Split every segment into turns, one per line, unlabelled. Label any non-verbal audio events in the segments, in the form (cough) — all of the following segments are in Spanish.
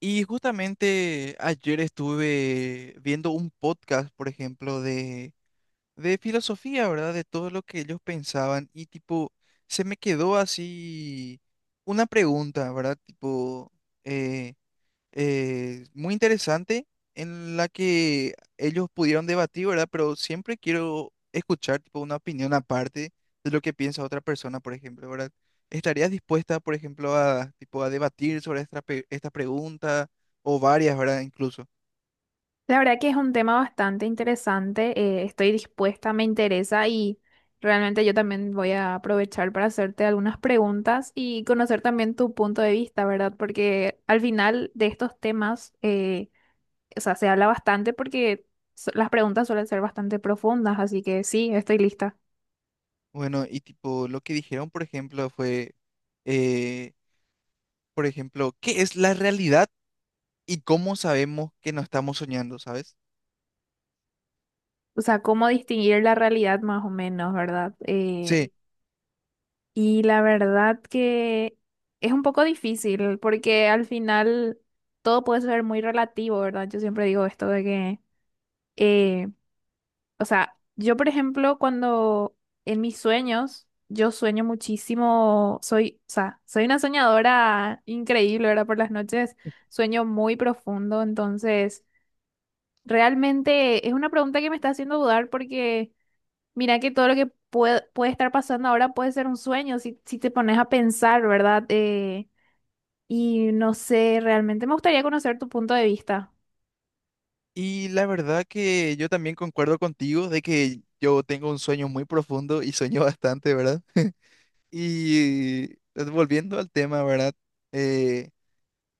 Y justamente ayer estuve viendo un podcast, por ejemplo, de filosofía, ¿verdad? De todo lo que ellos pensaban y tipo, se me quedó así una pregunta, ¿verdad? Tipo, eh, muy interesante en la que ellos pudieron debatir, ¿verdad? Pero siempre quiero escuchar tipo, una opinión aparte de lo que piensa otra persona, por ejemplo, ¿verdad? ¿Estarías dispuesta, por ejemplo, a, tipo, a debatir sobre esta pregunta o varias, ¿verdad? Incluso.
La verdad que es un tema bastante interesante, estoy dispuesta, me interesa y realmente yo también voy a aprovechar para hacerte algunas preguntas y conocer también tu punto de vista, ¿verdad? Porque al final de estos temas, o sea, se habla bastante porque las preguntas suelen ser bastante profundas, así que sí, estoy lista.
Bueno, y tipo, lo que dijeron, por ejemplo, fue, eh, por ejemplo, ¿qué es la realidad y cómo sabemos que no estamos soñando, ¿sabes?
O sea, cómo distinguir la realidad más o menos, ¿verdad?
Sí.
Y la verdad que es un poco difícil porque al final todo puede ser muy relativo, ¿verdad? Yo siempre digo esto de que, eh, o sea, yo por ejemplo cuando en mis sueños, yo sueño muchísimo, soy, o sea, soy una soñadora increíble, ¿verdad? Por las noches sueño muy profundo, entonces realmente es una pregunta que me está haciendo dudar porque mira que todo lo que puede, puede estar pasando ahora puede ser un sueño si, si te pones a pensar, ¿verdad? Y no sé, realmente me gustaría conocer tu punto de vista.
Y la verdad que yo también concuerdo contigo de que yo tengo un sueño muy profundo y sueño (laughs) bastante, ¿verdad? Y volviendo al tema, ¿verdad? Eh,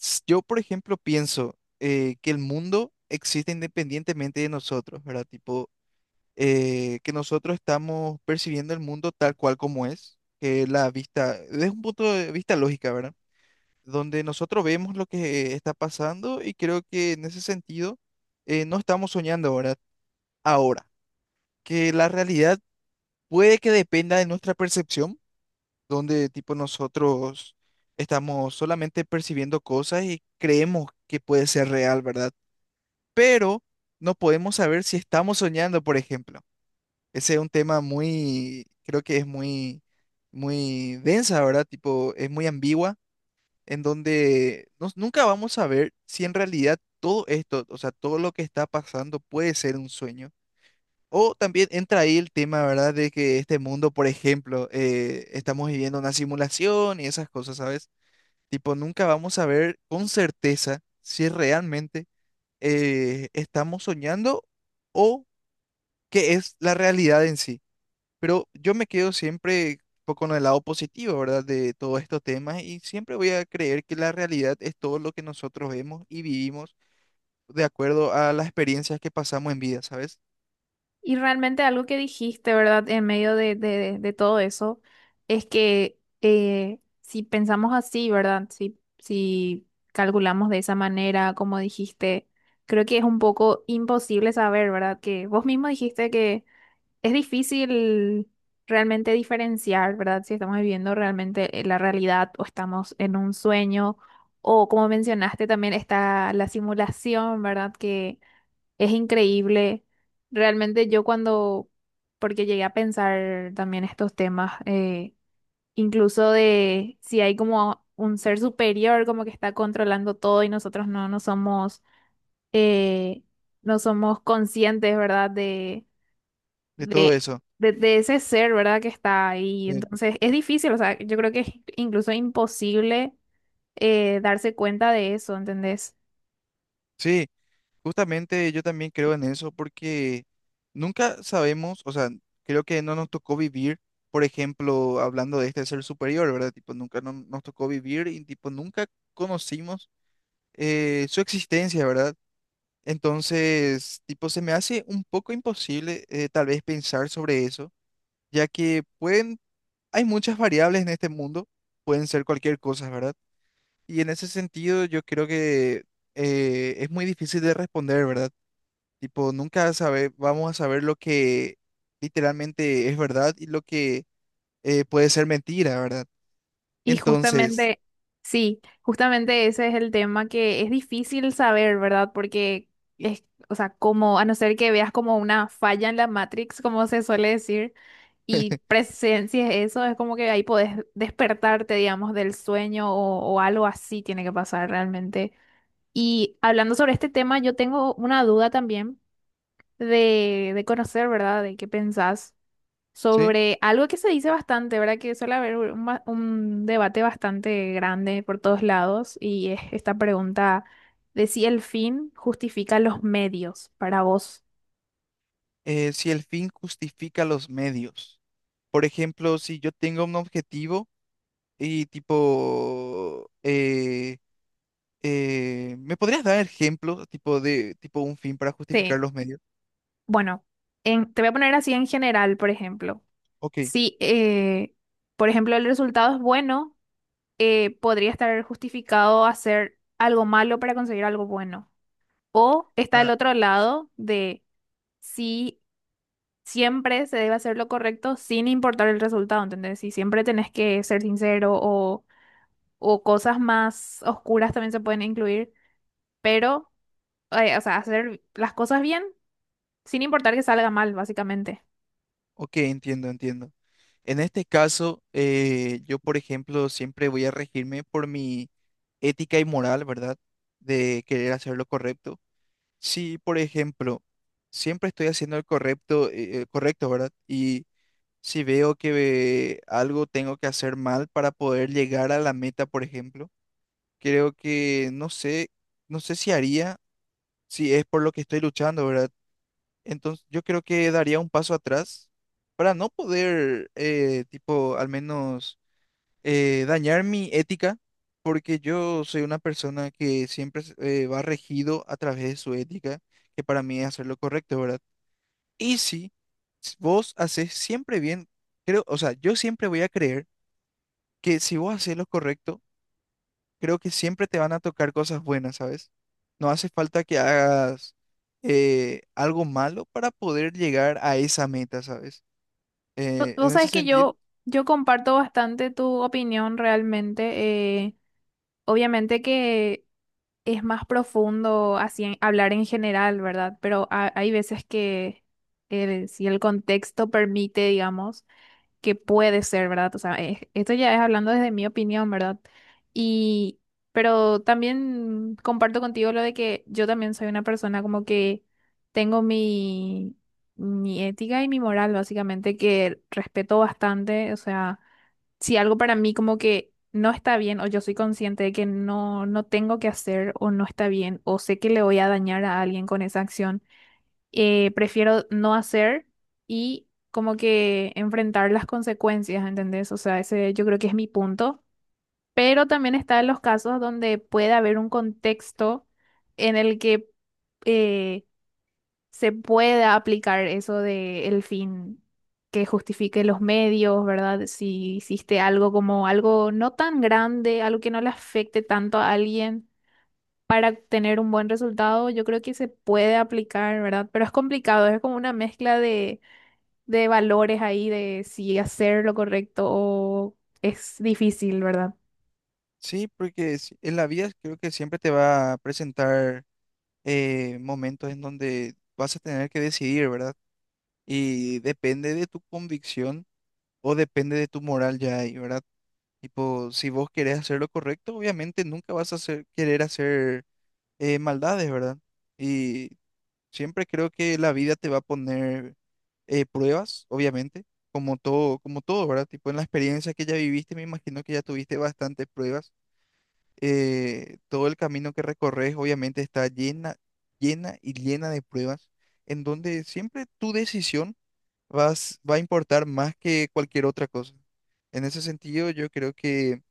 yo, por ejemplo, pienso que el mundo existe independientemente de nosotros, ¿verdad? Tipo, que nosotros estamos percibiendo el mundo tal cual como es, que la vista, desde un punto de vista lógica, ¿verdad? Donde nosotros vemos lo que está pasando y creo que en ese sentido no estamos soñando, ¿verdad? Ahora, que la realidad puede que dependa de nuestra percepción, donde tipo nosotros estamos solamente percibiendo cosas y creemos que puede ser real, ¿verdad? Pero no podemos saber si estamos soñando, por ejemplo. Ese es un tema muy, creo que es muy, muy densa, ¿verdad? Tipo, es muy ambigua, en donde nunca vamos a ver si en realidad todo esto, o sea, todo lo que está pasando puede ser un sueño. O también entra ahí el tema, ¿verdad? De que este mundo, por ejemplo, estamos viviendo una simulación y esas cosas, ¿sabes? Tipo, nunca vamos a ver con certeza si realmente estamos soñando o qué es la realidad en sí. Pero yo me quedo siempre con el lado positivo, ¿verdad? De todos estos temas y siempre voy a creer que la realidad es todo lo que nosotros vemos y vivimos de acuerdo a las experiencias que pasamos en vida, ¿sabes?
Y realmente algo que dijiste, ¿verdad? En medio de, de todo eso, es que si pensamos así, ¿verdad? Si, si calculamos de esa manera, como dijiste, creo que es un poco imposible saber, ¿verdad? Que vos mismo dijiste que es difícil realmente diferenciar, ¿verdad? Si estamos viviendo realmente la realidad o estamos en un sueño, o como mencionaste también está la simulación, ¿verdad? Que es increíble. Realmente yo cuando, porque llegué a pensar también estos temas, incluso de si hay como un ser superior como que está controlando todo y nosotros no, no somos, eh, no somos conscientes, ¿verdad?
De todo
De,
eso.
de ese ser, ¿verdad? Que está ahí.
Sí.
Entonces es difícil, o sea, yo creo que es incluso imposible darse cuenta de eso, ¿entendés?
Sí, justamente yo también creo en eso porque nunca sabemos, o sea, creo que no nos tocó vivir, por ejemplo, hablando de este ser superior, ¿verdad? Tipo, nunca no- nos tocó vivir y tipo, nunca conocimos su existencia, ¿verdad? Entonces, tipo, se me hace un poco imposible tal vez pensar sobre eso, ya que pueden, hay muchas variables en este mundo, pueden ser cualquier cosa, ¿verdad? Y en ese sentido yo creo que es muy difícil de responder, ¿verdad? Tipo, nunca sabe, vamos a saber lo que literalmente es verdad y lo que puede ser mentira, ¿verdad?
Y
Entonces,
justamente, sí, justamente ese es el tema que es difícil saber, ¿verdad? Porque es, o sea, como, a no ser que veas como una falla en la Matrix, como se suele decir, y
(laughs)
presencias eso, es como que ahí podés despertarte, digamos, del sueño o algo así tiene que pasar realmente. Y hablando sobre este tema, yo tengo una duda también de conocer, ¿verdad? De qué pensás
¿sí?
sobre algo que se dice bastante, ¿verdad? Que suele haber un, un debate bastante grande por todos lados y es esta pregunta de si el fin justifica los medios para vos.
Si el fin justifica los medios. Por ejemplo, si yo tengo un objetivo y tipo, ¿me podrías dar ejemplo tipo de tipo un fin para justificar
Sí.
los medios?
Bueno, te voy a poner así en general, por ejemplo.
Ok.
Si, por ejemplo, el resultado es bueno, podría estar justificado hacer algo malo para conseguir algo bueno. O está el otro lado de si siempre se debe hacer lo correcto sin importar el resultado, ¿entendés? Si siempre tenés que ser sincero o cosas más oscuras también se pueden incluir, pero, o sea, hacer las cosas bien sin importar que salga mal, básicamente.
Ok, entiendo, entiendo. En este caso, yo, por ejemplo, siempre voy a regirme por mi ética y moral, ¿verdad? De querer hacer lo correcto. Si, por ejemplo, siempre estoy haciendo el correcto, correcto, ¿verdad? Y si veo que algo tengo que hacer mal para poder llegar a la meta, por ejemplo, creo que no sé, no sé si haría, si es por lo que estoy luchando, ¿verdad? Entonces, yo creo que daría un paso atrás para no poder, tipo, al menos dañar mi ética, porque yo soy una persona que siempre va regido a través de su ética, que para mí es hacer lo correcto, ¿verdad? Y sí, si s- vos haces siempre bien, creo, o sea, yo siempre voy a creer que si vos haces lo correcto, creo que siempre te van a tocar cosas buenas, ¿sabes? No hace falta que hagas algo malo para poder llegar a esa meta, ¿sabes?
Vos
En ese
sabés que
sentido,
yo comparto bastante tu opinión realmente. Obviamente que es más profundo así hablar en general, ¿verdad? Pero hay veces que si el contexto permite, digamos, que puede ser, ¿verdad? O sea, esto ya es hablando desde mi opinión, ¿verdad? Y, pero también comparto contigo lo de que yo también soy una persona como que tengo mi, mi ética y mi moral, básicamente, que respeto bastante, o sea si algo para mí como que no está bien o yo soy consciente de que no, no tengo que hacer o no está bien o sé que le voy a dañar a alguien con esa acción, prefiero no hacer y como que enfrentar las consecuencias, ¿entendés? O sea, ese yo creo que es mi punto. Pero también está en los casos donde puede haber un contexto en el que eh, se pueda aplicar eso de el fin que justifique los medios, ¿verdad? Si hiciste algo como algo no tan grande, algo que no le afecte tanto a alguien para tener un buen resultado, yo creo que se puede aplicar, ¿verdad? Pero es complicado, es como una mezcla de valores ahí de si hacer lo correcto o es difícil, ¿verdad?
sí, porque en la vida creo que siempre te va a presentar momentos en donde vas a tener que decidir, ¿verdad? Y depende de tu convicción o depende de tu moral ya ahí, ¿verdad? Tipo, si vos querés hacer lo correcto, obviamente nunca querer hacer maldades, ¿verdad? Y siempre creo que la vida te va a poner pruebas, obviamente, como todo, ¿verdad? Tipo, en la experiencia que ya viviste, me imagino que ya tuviste bastantes pruebas todo el camino que recorres obviamente está llena, llena y llena de pruebas, en donde siempre tu decisión va a importar más que cualquier otra cosa. En ese sentido, yo creo que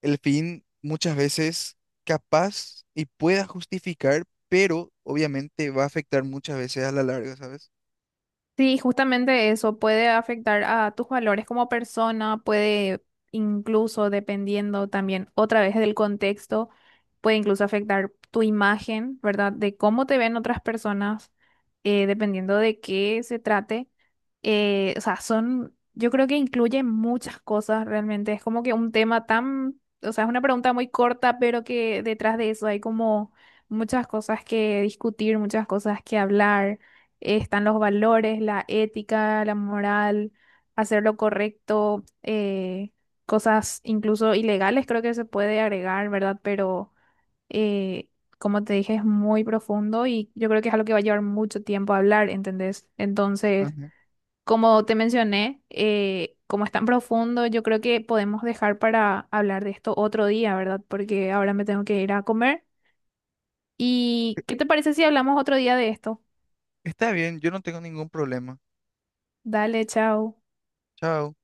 el fin muchas veces capaz y pueda justificar, pero obviamente va a afectar muchas veces a la larga, ¿sabes?
Sí, justamente eso puede afectar a tus valores como persona, puede incluso, dependiendo también otra vez del contexto, puede incluso afectar tu imagen, ¿verdad? De cómo te ven otras personas, dependiendo de qué se trate. O sea, son, yo creo que incluye muchas cosas realmente. Es como que un tema tan, o sea, es una pregunta muy corta, pero que detrás de eso hay como muchas cosas que discutir, muchas cosas que hablar están los valores, la ética, la moral, hacer lo correcto, cosas incluso ilegales creo que se puede agregar, ¿verdad? Pero eh, como te dije, es muy profundo y yo creo que es algo que va a llevar mucho tiempo hablar, ¿entendés? Entonces,
Ajá.
como te mencioné, como es tan profundo, yo creo que podemos dejar para hablar de esto otro día, ¿verdad? Porque ahora me tengo que ir a comer. ¿Y qué te parece si hablamos otro día de esto?
Está bien, yo no tengo ningún problema.
Dale, chao.
Chao.